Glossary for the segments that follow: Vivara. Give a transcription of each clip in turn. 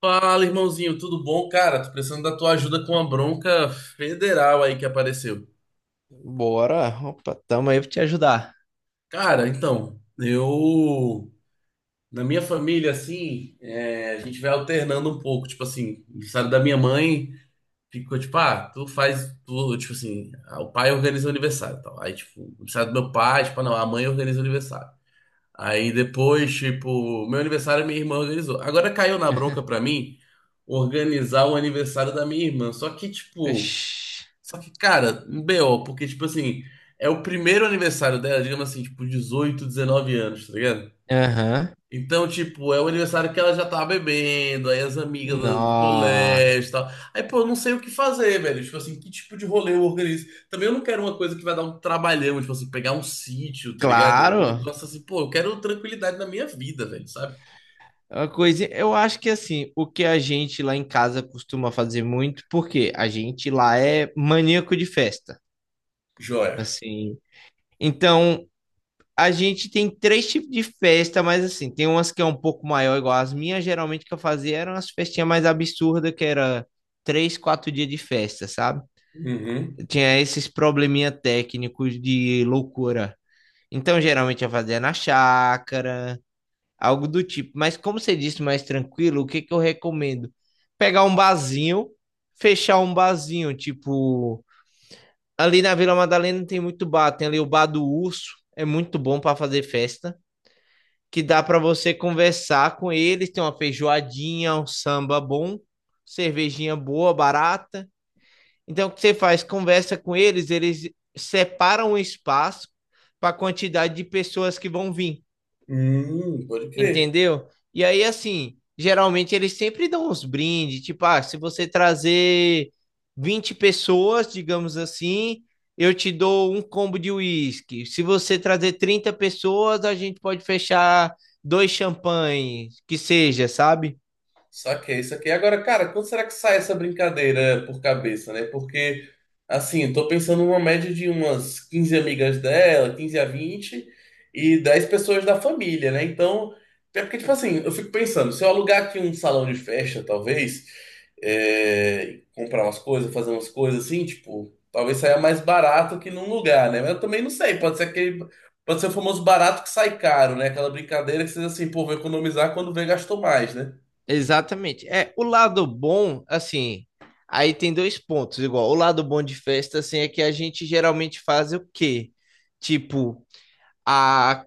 Fala, irmãozinho, tudo bom? Cara, tô precisando da tua ajuda com uma bronca federal aí que apareceu. Bora. Opa, tamo aí pra te ajudar. Cara, então, eu. Na minha família, assim, é, a gente vai alternando um pouco. Tipo assim, aniversário da minha mãe ficou tipo, ah, tu faz. Tu, tipo assim, ah, o pai organiza o aniversário e tal. Aí, tipo, o aniversário do meu pai, tipo, ah, não, a mãe organiza o aniversário. Aí depois, tipo, meu aniversário minha irmã organizou. Agora caiu na bronca pra mim organizar o aniversário da minha irmã. Só que, tipo. Oxi. Só que, cara, um BO, porque, tipo assim, é o primeiro aniversário dela, digamos assim, tipo, 18, 19 anos, tá ligado? Aham. Então, tipo, é o aniversário que ela já tava bebendo, aí as amigas do Nó. colégio e tal. Aí, pô, eu não sei o que fazer, velho. Tipo assim, que tipo de rolê eu organizo? Também eu não quero uma coisa que vai dar um trabalhão, tipo assim, pegar um sítio, tá ligado? Um Claro. negócio assim, pô, eu quero tranquilidade na minha vida, velho, sabe? É. Uma coisa, eu acho que assim, o que a gente lá em casa costuma fazer muito, porque a gente lá é maníaco de festa, Joia. assim. Então, a gente tem três tipos de festa, mas assim, tem umas que é um pouco maior, igual as minhas, geralmente que eu fazia eram as festinhas mais absurdas, que era 3, 4 dias de festa, sabe? Uhum. Tinha esses probleminha técnicos de loucura. Então, geralmente eu fazia na chácara, algo do tipo. Mas como você disse, mais tranquilo, o que que eu recomendo? Pegar um barzinho, fechar um barzinho, tipo, ali na Vila Madalena tem muito bar, tem ali o bar do Urso, é muito bom para fazer festa, que dá para você conversar com eles, tem uma feijoadinha, um samba bom, cervejinha boa, barata. Então, o que você faz? Conversa com eles, eles separam o espaço para a quantidade de pessoas que vão vir, Pode crer. entendeu? E aí, assim, geralmente eles sempre dão uns brindes, tipo, ah, se você trazer 20 pessoas, digamos assim, eu te dou um combo de uísque. Se você trazer 30 pessoas, a gente pode fechar dois champanhes, que seja, sabe? Saquei, saquei. Agora, cara, quando será que sai essa brincadeira por cabeça, né? Porque, assim, eu tô pensando numa média de umas 15 amigas dela, 15 a 20 e 10 pessoas da família, né? Então, é porque, tipo assim, eu fico pensando, se eu alugar aqui um salão de festa, talvez, é, comprar umas coisas, fazer umas coisas assim, tipo, talvez saia mais barato que num lugar, né? Mas eu também não sei, pode ser aquele, pode ser o famoso barato que sai caro, né? Aquela brincadeira que vocês, assim, pô, vou economizar quando vê, gastou mais, né? Exatamente. É, o lado bom, assim, aí tem dois pontos, igual. O lado bom de festa, assim, é que a gente geralmente faz o quê? Tipo, a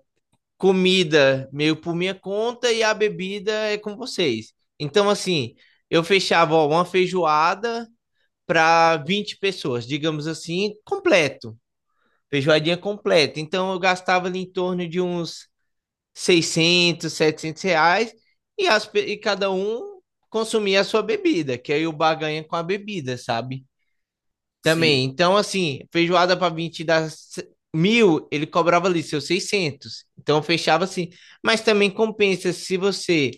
comida meio por minha conta e a bebida é com vocês. Então, assim, eu fechava, ó, uma feijoada para 20 pessoas, digamos assim, completo. Feijoadinha completa. Então, eu gastava ali em torno de uns 600, 700 reais e cada um consumir a sua bebida, que aí o bar ganha com a bebida, sabe? Sim. Também. Então, assim, feijoada para 20 dá mil, ele cobrava ali seus 600. Então, fechava assim. Mas também compensa se você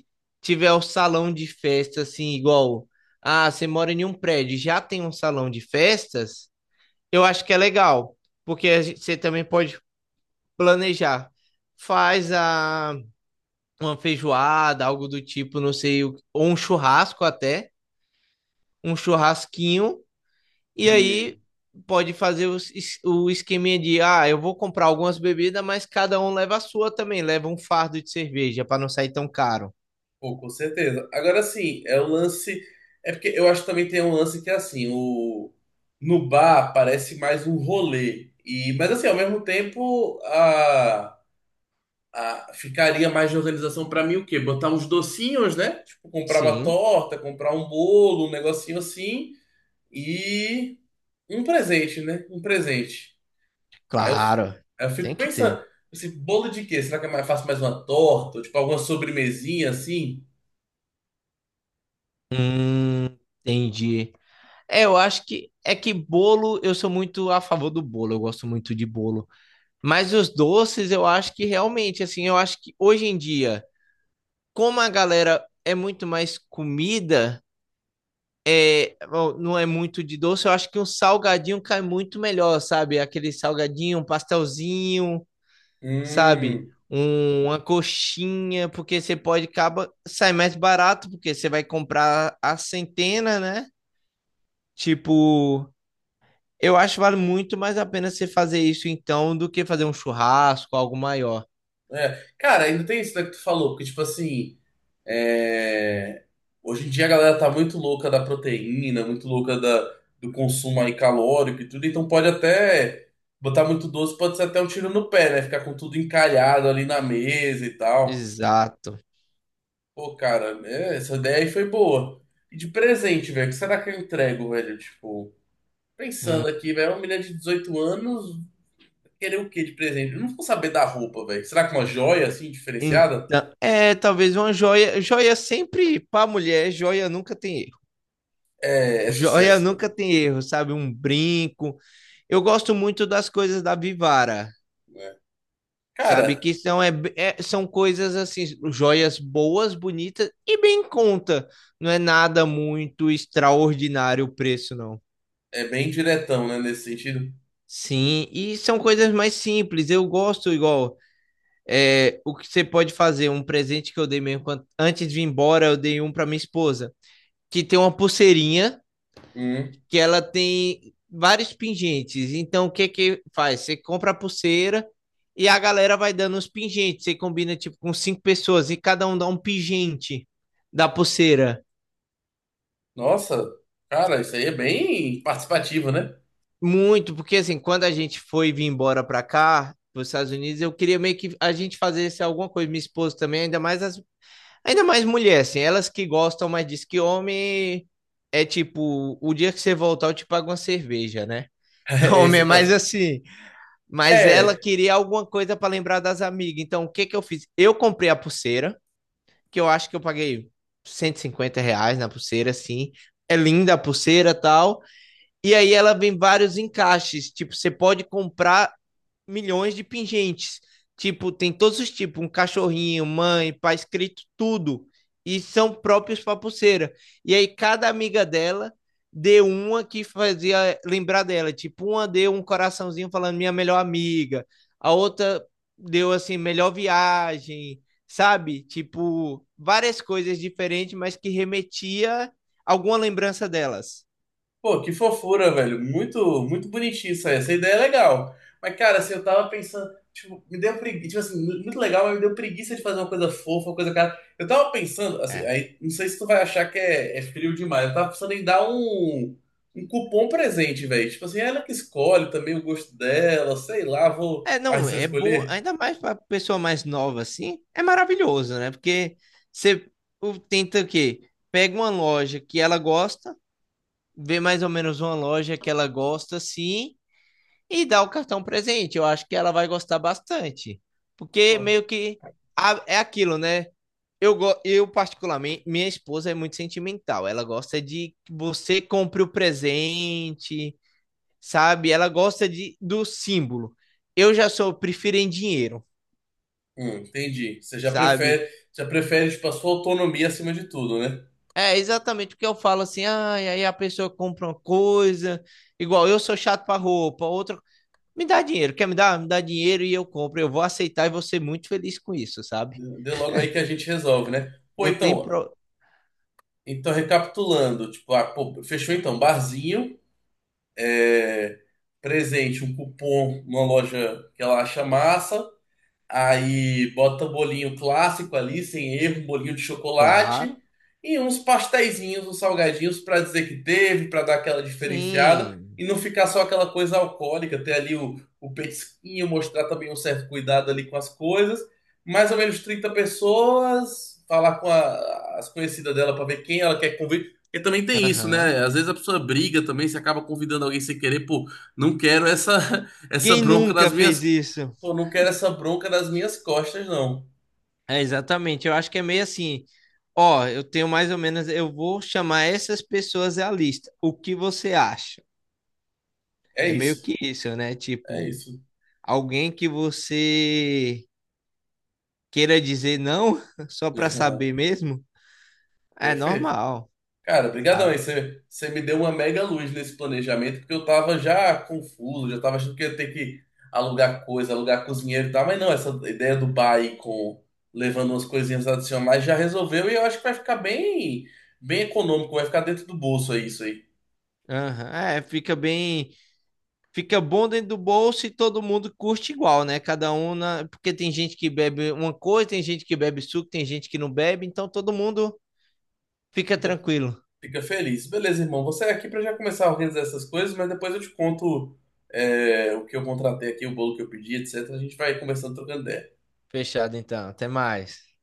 tiver o salão de festa, assim, igual. Ah, você mora em um prédio, já tem um salão de festas. Eu acho que é legal, porque você também pode planejar. Faz a uma feijoada, algo do tipo, não sei, ou um churrasco até, um churrasquinho, e aí Hum, pode fazer o esqueminha de, ah, eu vou comprar algumas bebidas, mas cada um leva a sua também, leva um fardo de cerveja para não sair tão caro. pô, com certeza. Agora sim, é o lance. É porque eu acho que também tem um lance que é assim, o no bar parece mais um rolê. E, mas assim, ao mesmo tempo, a ficaria mais de organização pra mim o quê? Botar uns docinhos, né? Tipo, comprar uma Sim, torta, comprar um bolo, um negocinho assim, e um presente, né? Um presente. Aí eu, fi- claro, aí eu fico tem que pensando, ter. esse bolo de quê? Será que eu faço mais uma torta? Ou, tipo, alguma sobremesinha assim? Entendi. É, eu acho que é que bolo, eu sou muito a favor do bolo, eu gosto muito de bolo. Mas os doces, eu acho que realmente, assim, eu acho que hoje em dia como a galera é muito mais comida, é, não é muito de doce, eu acho que um salgadinho cai muito melhor, sabe? Aquele salgadinho, um pastelzinho, sabe? Hum. Uma coxinha, porque você pode acaba sai mais barato, porque você vai comprar a centena, né? Tipo, eu acho que vale muito mais a pena você fazer isso então do que fazer um churrasco, algo maior. É, cara, ainda tem isso né, que tu falou, porque, tipo assim, é, hoje em dia a galera tá muito louca da proteína, muito louca do consumo aí calórico e tudo, então pode até botar muito doce, pode ser até um tiro no pé, né? Ficar com tudo encalhado ali na mesa e tal. Exato. Pô, cara, é, essa ideia aí foi boa. E de presente, velho, o que será que eu entrego, velho? Tipo, pensando aqui, velho, uma menina de 18 anos, querer o quê de presente? Eu não vou saber da roupa, velho. Será que uma joia, assim, Então, diferenciada? é, talvez uma joia. Joia sempre para mulher, joia nunca tem erro. É, é Joia sucesso, né? nunca tem erro, sabe? Um brinco. Eu gosto muito das coisas da Vivara, Né? sabe? Cara, Que são, é, são coisas assim, joias boas, bonitas e bem em conta. Não é nada muito extraordinário o preço, não. é bem diretão, né, nesse sentido. Sim, e são coisas mais simples. Eu gosto igual. É, o que você pode fazer, um presente que eu dei mesmo antes de ir embora, eu dei um para minha esposa, que tem uma pulseirinha Hum. que ela tem vários pingentes. Então, o que que faz? Você compra a pulseira e a galera vai dando os pingentes. Você combina tipo com cinco pessoas e cada um dá um pingente da pulseira. Nossa, cara, isso aí é bem participativo, né? Muito, porque assim, quando a gente foi vir embora para cá, para os Estados Unidos, eu queria meio que a gente fazesse alguma coisa, minha esposa também, ainda mais mulher, assim, elas que gostam mais disso que homem é tipo, o dia que você voltar eu te pago uma cerveja, né? É, Homem é esse mais cansa. assim. Mas ela É. queria alguma coisa para lembrar das amigas. Então, o que que eu fiz? Eu comprei a pulseira, que eu acho que eu paguei 150 reais na pulseira, assim. É linda a pulseira e tal. E aí ela vem vários encaixes. Tipo, você pode comprar milhões de pingentes. Tipo, tem todos os tipos, um cachorrinho, mãe, pai, escrito tudo. E são próprios para pulseira. E aí cada amiga dela deu uma que fazia lembrar dela. Tipo, uma deu um coraçãozinho falando minha melhor amiga. A outra deu assim, melhor viagem, sabe? Tipo, várias coisas diferentes, mas que remetia alguma lembrança delas. Pô, que fofura, velho. Muito, muito bonitinho isso aí. Essa ideia é legal. Mas, cara, assim, eu tava pensando, tipo, me deu preguiça, tipo assim, muito legal, mas me deu preguiça de fazer uma coisa fofa, uma coisa cara. Eu tava pensando, assim, É, aí, não sei se tu vai achar que é frio demais. Eu tava pensando em dar um cupom presente, velho. Tipo assim, ela que escolhe também o gosto dela, sei lá, vou. é, Ah, não, você vai é boa, escolher? ainda mais para pessoa mais nova assim, é maravilhoso, né? Porque você tenta o quê? Pega uma loja que ela gosta, vê mais ou menos uma loja que ela gosta assim e dá o cartão presente. Eu acho que ela vai gostar bastante. Porque Pô, meio que é aquilo, né? Eu particularmente, minha esposa é muito sentimental. Ela gosta de que você compre o presente, sabe? Ela gosta de, do símbolo. Eu já sou, prefiro em dinheiro, hum, entendi. Você já sabe? prefere, já prefere, tipo, a sua autonomia acima de tudo, né? É exatamente o que eu falo assim, ah, e aí a pessoa compra uma coisa, igual eu sou chato para roupa, outra, me dá dinheiro, quer me dar? Me dá dinheiro e eu compro, eu vou aceitar e vou ser muito feliz com isso, sabe? Dê logo aí que a gente resolve, né? Pô, Não tem então, pro... Então, recapitulando, tipo, ah, pô, fechou então, barzinho, é, presente, um cupom numa loja que ela acha massa, aí bota bolinho clássico ali, sem erro, um bolinho de chocolate Claro, e uns pasteizinhos, uns salgadinhos para dizer que teve, para dar aquela diferenciada sim, e não ficar só aquela coisa alcoólica, ter ali o petisquinho, mostrar também um certo cuidado ali com as coisas. Mais ou menos 30 pessoas, falar com as conhecidas dela para ver quem ela quer convidar. Porque também tem isso, aham. né? Às vezes a pessoa briga também, se acaba convidando alguém sem querer, pô, não quero essa essa Quem bronca nas nunca fez minhas isso? Pô, não quero essa bronca nas minhas costas, não. É exatamente, eu acho que é meio assim, ó, eu tenho mais ou menos, eu vou chamar essas pessoas à lista, o que você acha? É É meio isso. que isso, né? É Tipo, isso. alguém que você queira dizer não só para saber mesmo, é Perfeito. normal, Cara, brigadão aí. sabe? Você me deu uma mega luz nesse planejamento, porque eu tava já confuso, já tava achando que ia ter que alugar coisa, alugar cozinheiro e tal, mas não, essa ideia do bar aí com levando umas coisinhas adicionais já resolveu e eu acho que vai ficar bem, bem econômico, vai ficar dentro do bolso aí isso aí. Aham, é, fica bem, fica bom dentro do bolso e todo mundo curte igual, né? Cada um na, porque tem gente que bebe uma coisa, tem gente que bebe suco, tem gente que não bebe, então todo mundo fica tranquilo. Fica feliz. Beleza, irmão. Você é aqui para já começar a organizar essas coisas, mas depois eu te conto é, o que eu contratei aqui, o bolo que eu pedi, etc. A gente vai conversando, trocando ideia. Fechado então, até mais.